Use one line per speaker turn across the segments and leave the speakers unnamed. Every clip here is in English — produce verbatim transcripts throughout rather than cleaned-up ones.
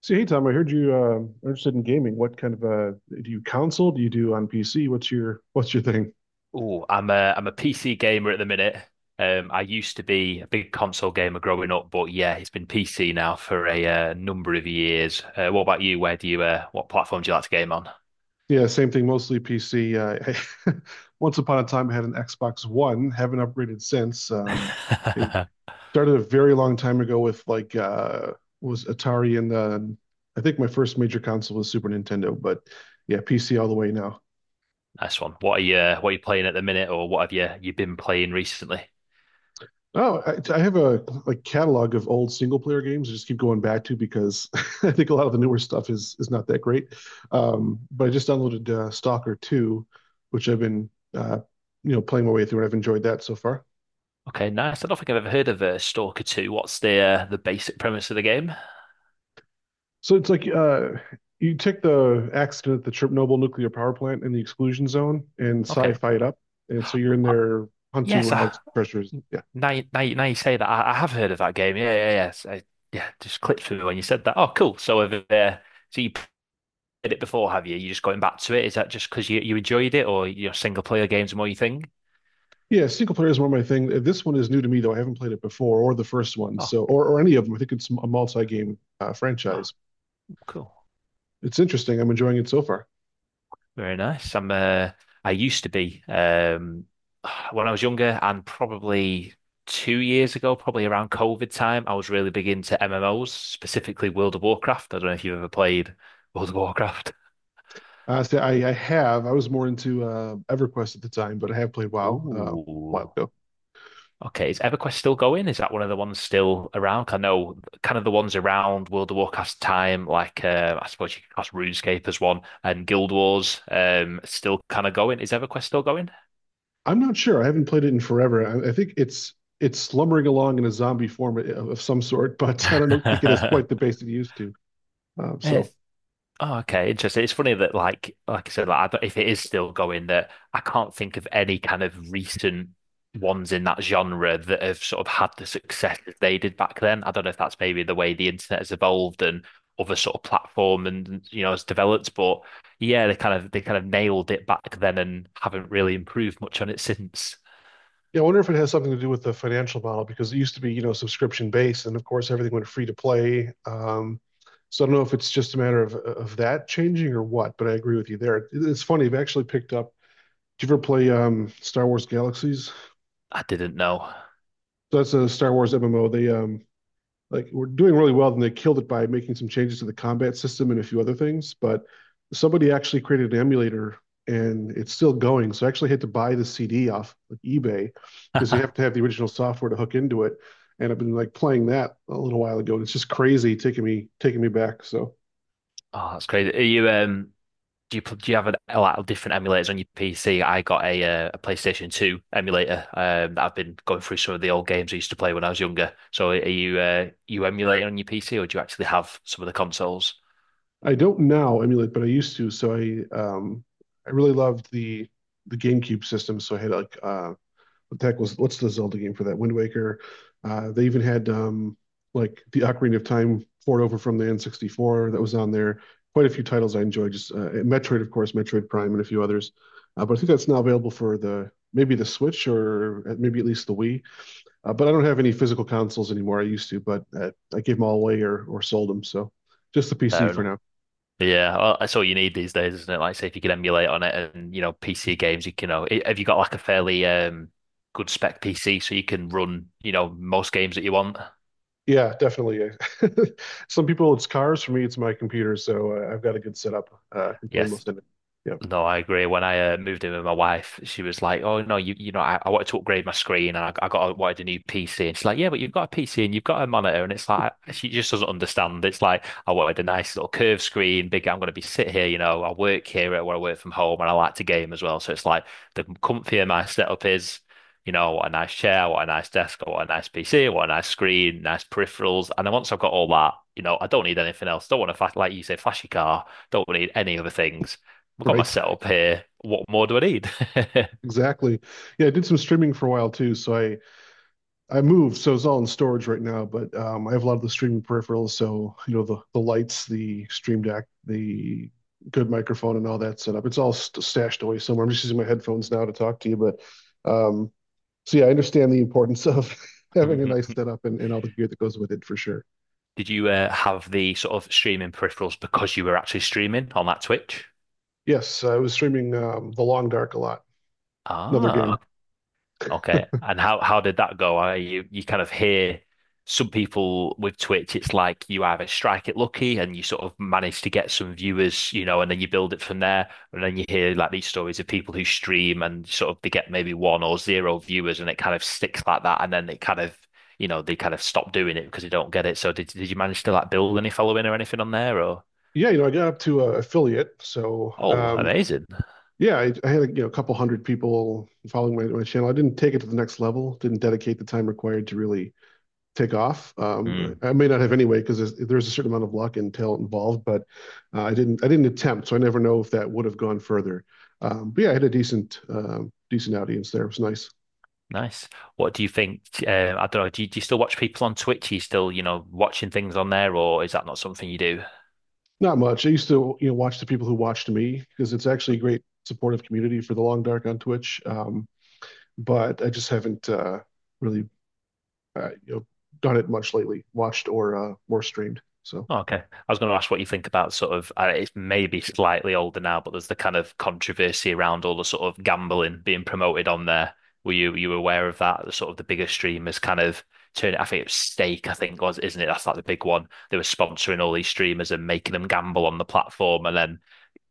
So hey Tom, I heard you uh, are interested in gaming. What kind of uh, do you console? Do you do on P C? What's your what's your thing?
Oh, I'm a I'm a P C gamer at the minute. Um, I used to be a big console gamer growing up, but yeah, it's been P C now for a uh, number of years. Uh, what about you? Where do you uh, what platform do you like to game on?
Yeah, same thing. Mostly P C. Uh, I, once upon a time, I had an Xbox One. Haven't upgraded since. Um, it started a very long time ago with like uh, was Atari, and uh, I think my first major console was Super Nintendo. But yeah, P C all the way now.
Nice one. What are you uh, what are you playing at the minute, or what have you you been playing recently?
Oh, I, I have a like catalog of old single player games. I just keep going back to because I think a lot of the newer stuff is is not that great. Um, but I just downloaded uh, Stalker Two, which I've been uh, you know playing my way through, and I've enjoyed that so far.
Okay, nice. I don't think I've ever heard of uh, Stalker two. What's the uh, the basic premise of the game?
So it's like uh, you take the accident at the Chernobyl nuclear power plant in the exclusion zone and
Okay.
sci-fi it up, and so you're in there hunting
Yes,
relics,
I,
treasures. Yeah,
now you, now you, now you say that, I, I have heard of that game. Yeah, yeah, yes. I, yeah, just clicked through when you said that. Oh, cool. So have uh, so you played it before, have you? You're just going back to it. Is that just because you, you enjoyed it, or your single player games are more your thing?
yeah, single player is more my thing. This one is new to me though. I haven't played it before, or the first one,
Oh,
so or, or any of them. I think it's a multi-game uh,
oh,
franchise.
cool.
It's interesting. I'm enjoying it so far.
Very nice. I'm uh, I used to be um, when I was younger, and probably two years ago, probably around COVID time, I was really big into M M Os, specifically World of Warcraft. I don't know if you've ever played World of Warcraft.
Uh, so I, I have. I was more into uh, EverQuest at the time, but I have played WoW uh, a while
Oh.
ago.
Okay, is EverQuest still going? Is that one of the ones still around? 'Cause I know kind of the ones around World of Warcraft time, like uh, I suppose you could class RuneScape as one, and Guild Wars um, still kind of going. Is EverQuest still going?
I'm not sure. I haven't played it in forever. I, I think it's it's slumbering along in a zombie form of, of some sort, but I don't know, think it has quite the base it used to. Uh,
It's
so
Oh, okay, interesting. It's funny that, like, like I said, like, I don't, if it is still going, that I can't think of any kind of recent ones in that genre that have sort of had the success that they did back then. I don't know if that's maybe the way the internet has evolved and other sort of platform and you know has developed, but yeah, they kind of they kind of nailed it back then and haven't really improved much on it since.
Yeah, I wonder if it has something to do with the financial model because it used to be, you know, subscription based, and of course everything went free to play. Um, so I don't know if it's just a matter of of that changing or what, but I agree with you there. It's funny. I've actually picked up. Did you ever play um, Star Wars Galaxies?
I didn't know.
So that's a Star Wars M M O. They um, like we're doing really well, then they killed it by making some changes to the combat system and a few other things. But somebody actually created an emulator and it's still going. So I actually had to buy the C D off like eBay because you have to have the original software to hook into it. And I've been like playing that a little while ago, and it's just crazy taking me taking me back. So
Oh, that's crazy. Are you um? do you do you have a, lot of different emulators on your P C? I got a uh, a PlayStation two emulator um, that I've been going through some of the old games I used to play when I was younger. So are you uh, you emulating on your P C or do you actually have some of the consoles?
I don't now emulate, but I used to. So I um I really loved the the GameCube system. So I had like uh Tech was, what's the Zelda game for that? Wind Waker. Uh, they even had um, like the Ocarina of Time port over from the N sixty-four that was on there. Quite a few titles I enjoyed. Just uh, Metroid, of course, Metroid Prime, and a few others. Uh, but I think that's now available for the maybe the Switch or uh, maybe at least the Wii. Uh, but I don't have any physical consoles anymore. I used to, but uh, I gave them all away or or sold them. So just the P C
Fair
for
enough.
now.
Yeah, well, that's all you need these days, isn't it? Like, say if you can emulate on it, and you know P C games, you can. You know, i- have you got like a fairly um good spec P C so you can run you know most games that you want?
Yeah, definitely. Some people it's cars. For me, it's my computer. So uh, I've got a good setup. Uh, I can play
Yes.
most of it. Yeah.
No, I agree. When I uh, moved in with my wife, she was like, "Oh no, you you know, I, I wanted to upgrade my screen, and I, I got a, wanted a new P C." And she's like, "Yeah, but you've got a P C and you've got a monitor," and it's like she just doesn't understand. It's like I wanted a nice little curved screen, big. I'm going to be sit here, you know. I work here where I work from home, and I like to game as well. So it's like the comfier my setup is, you know, what a nice chair, what a nice desk, what a nice P C, what a nice screen, nice peripherals. And then once I've got all that, you know, I don't need anything else. Don't want to like you say, flashy car. Don't need any other things. I've got my
Right,
setup here. What more do I need?
exactly. Yeah, I did some streaming for a while too, so I I moved, so it's all in storage right now, but um I have a lot of the streaming peripherals, so you know the the lights, the Stream Deck, the good microphone and all that set up. It's all st stashed away somewhere. I'm just using my headphones now to talk to you, but um so yeah, I understand the importance of having a nice setup and, and all the gear that goes with it for sure.
Did you uh, have the sort of streaming peripherals because you were actually streaming on that Twitch?
Yes, I was streaming um The Long Dark a lot, another game.
Ah, okay. And how how did that go? I you you kind of hear some people with Twitch, it's like you either strike it lucky and you sort of manage to get some viewers, you know, and then you build it from there. And then you hear like these stories of people who stream and sort of they get maybe one or zero viewers and it kind of sticks like that. And then it kind of, you know, they kind of stop doing it because they don't get it. So did did you manage to like build any following or anything on there or?
Yeah, you know, I got up to uh, affiliate. So,
Oh,
um,
amazing.
yeah, I, I had a, you know, a couple hundred people following my, my channel. I didn't take it to the next level, didn't dedicate the time required to really take off. Um, I may not have anyway, because there's, there's a certain amount of luck and talent involved, but uh, I didn't, I didn't attempt. So I never know if that would have gone further. Um, but yeah, I had a decent, um, decent audience there. It was nice.
Nice. What do you think? Uh, I don't know. Do you, do you still watch people on Twitch? Are you still, you know, watching things on there, or is that not something you do?
Not much. I used to, you know, watch the people who watched me because it's actually a great supportive community for the long dark on Twitch. Um, but I just haven't, uh, really uh, you know, done it much lately, watched or uh, more streamed. So
Oh, okay. I was going to ask what you think about sort of, uh, it's maybe slightly older now, but there's the kind of controversy around all the sort of gambling being promoted on there. Were you were you aware of that? The sort of the bigger streamers kind of turn it. I think it was Stake, I think was, isn't it? That's like the big one. They were sponsoring all these streamers and making them gamble on the platform, and then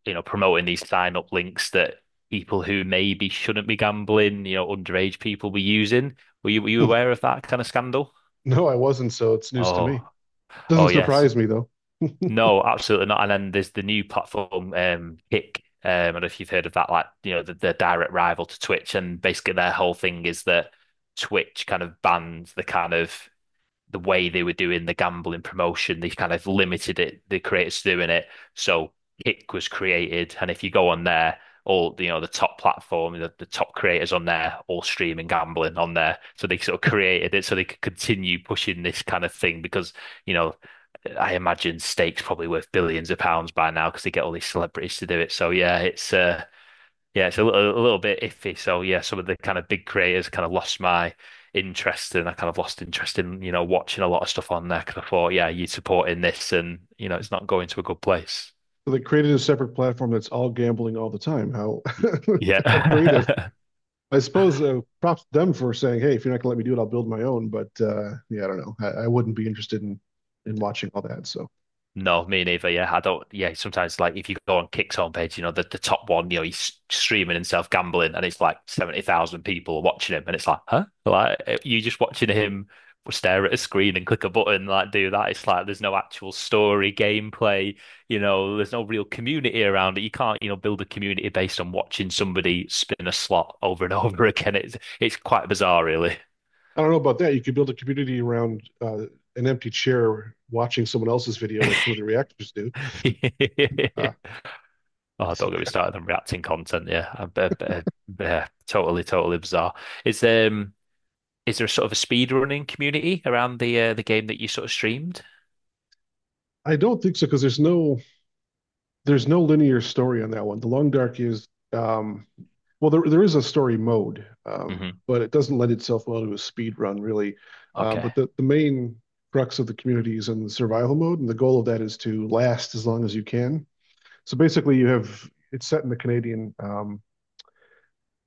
you know, promoting these sign up links that people who maybe shouldn't be gambling, you know, underage people were using. Were you were you aware of that kind of scandal?
no, I wasn't. So it's news to me.
Oh,
Doesn't
oh yes.
surprise me though.
No, absolutely not. And then there's the new platform, um, Kick. Um, I don't know if you've heard of that, like, you know, the, the direct rival to Twitch. And basically their whole thing is that Twitch kind of bans the kind of the way they were doing the gambling promotion, they kind of limited it, the creators doing it. So Kick was created, and if you go on there, all you know, the top platform, the, the top creators on there, all streaming gambling on there. So they sort of created it so they could continue pushing this kind of thing because, you know, I imagine stakes probably worth billions of pounds by now because they get all these celebrities to do it. So yeah, it's uh yeah, it's a, li- a little bit iffy. So yeah, some of the kind of big creators kind of lost my interest, and I kind of lost interest in, you know, watching a lot of stuff on there because I thought, yeah, you're supporting this, and you know, it's not going to a good place.
So they created a separate platform that's all gambling all the time. How
Y-
how creative.
Yeah.
I suppose uh, props to them for saying, "Hey, if you're not gonna let me do it, I'll build my own." But uh, yeah, I don't know. I, I wouldn't be interested in in watching all that. So
No, me neither. Yeah, I don't. Yeah, sometimes like if you go on Kick's homepage, you know the, the top one, you know he's streaming himself gambling, and it's like seventy thousand people watching him, and it's like, huh? Like eh, you just watching him stare at a screen and click a button, like do that. It's like there's no actual story, gameplay. You know, there's no real community around it. You can't, you know, build a community based on watching somebody spin a slot over and over again. It's it's quite bizarre, really.
I don't know about that. You could build a community around uh, an empty chair watching someone else's video, like some of the reactors do. Uh,
Oh, don't
so
get me
yeah,
started on reacting content. Yeah, I, I, I, I- totally, totally bizarre. Is um, is there a sort of a speed running community around the uh, the game that you sort of streamed?
I don't think so because there's no there's no linear story on that one. The Long Dark is um, well, there there is a story mode, um,
Hmm
but it doesn't lend itself well to a speed run really. Uh,
Okay,
but the the main crux of the community is in the survival mode, and the goal of that is to last as long as you can. So basically, you have it's set in the Canadian um,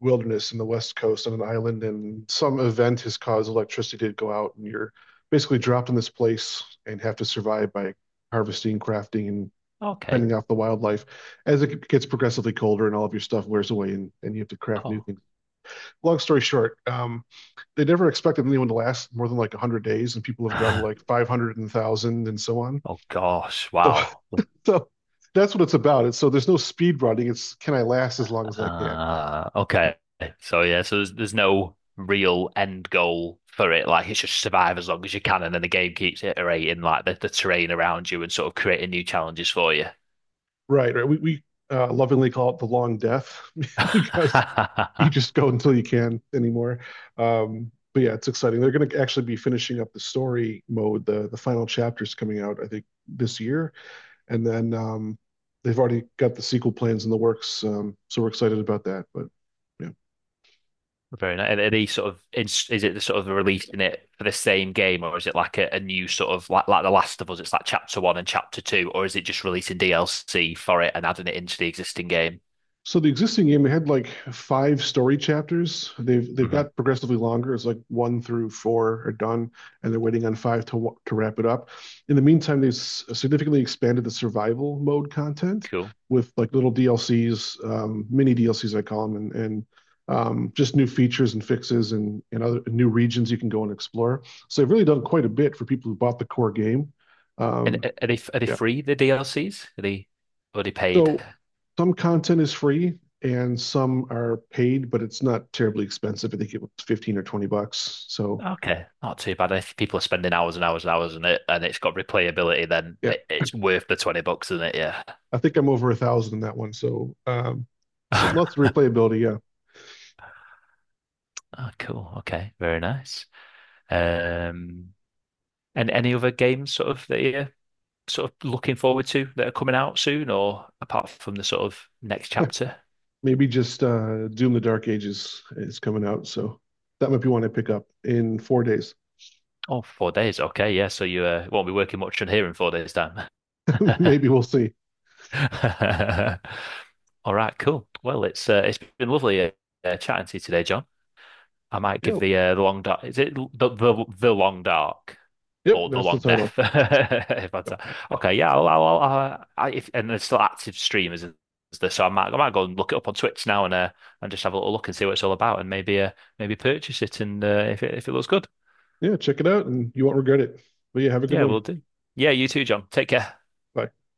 wilderness in the west coast on an island, and some event has caused electricity to go out, and you're basically dropped in this place and have to survive by harvesting, crafting, and
okay.
fending off the wildlife as it gets progressively colder and all of your stuff wears away and, and you have to craft new
Oh,
things. Long story short, um, they never expected anyone to last more than like one hundred days, and people have gone like five hundred and one thousand and so on.
oh gosh,
So,
wow.
so that's what it's about. It's, so there's no speed running. It's, can I last as long as I can?
Uh,
Yep.
okay. So yeah, so there's, there's no real end goal for it. Like it's just survive as long as you can, and then the game keeps iterating like the, the terrain around you and sort of creating new challenges for you.
Right, right. We, we uh, lovingly call it the long death because you just go until you can anymore. Um, but yeah, it's exciting. They're going to actually be finishing up the story mode. The the final chapter's coming out, I think, this year, and then um, they've already got the sequel plans in the works. Um, so we're excited about that. But yeah,
Very nice. Are they sort of is, is it the sort of releasing it for the same game, or is it like a, a new sort of like like The Last of Us? It's like chapter one and chapter two, or is it just releasing D L C for it and adding it into the existing game?
so the existing game had like five story chapters. They've they've
Hmm,
got progressively longer. It's like one through four are done, and they're waiting on five to to wrap it up. In the meantime, they've significantly expanded the survival mode content
cool.
with like little D L Cs, um, mini D L Cs I call them, and and um, just new features and fixes and and other new regions you can go and explore. So they've really done quite a bit for people who bought the core game.
And
Um,
a- are they are they
yeah,
free the D L Cs? Are they are they paid?
so some content is free and some are paid, but it's not terribly expensive. I think it was fifteen or twenty bucks. So
Okay, not too bad. If people are spending hours and hours and hours on it, and it's got replayability, then
yeah,
it, it's worth the twenty bucks, isn't it?
I think I'm over a thousand in that one. So, um, so
Yeah.
lots of replayability. Yeah.
Oh, cool. Okay, very nice. Um, and any other games sort of that you sort of looking forward to that are coming out soon, or apart from the sort of next chapter?
Maybe just uh, Doom the Dark Ages is coming out. So that might be one I pick up in four days.
Oh, four days. Okay, yeah. So you uh, won't be working much on here in four days' time.
Maybe we'll see.
All right, cool. Well, it's uh, it's been lovely uh, uh, chatting to you today, John. I might give
Yeah.
the uh, the long dark. Is it the the, the long dark
Yep.
or the
That's the
long death?
title.
If I'd
Yep.
say. Okay, yeah. I'll, I'll, I'll, uh, I, if, and there's still active streamers, is there? So I might I might go and look it up on Twitch now and uh, and just have a little look and see what it's all about and maybe uh, maybe purchase it and uh, if it if it looks good,
Yeah. Check it out and you won't regret it. But yeah, have a good
yeah,
one.
we'll do. Yeah, you too, John. Take care.
Bye.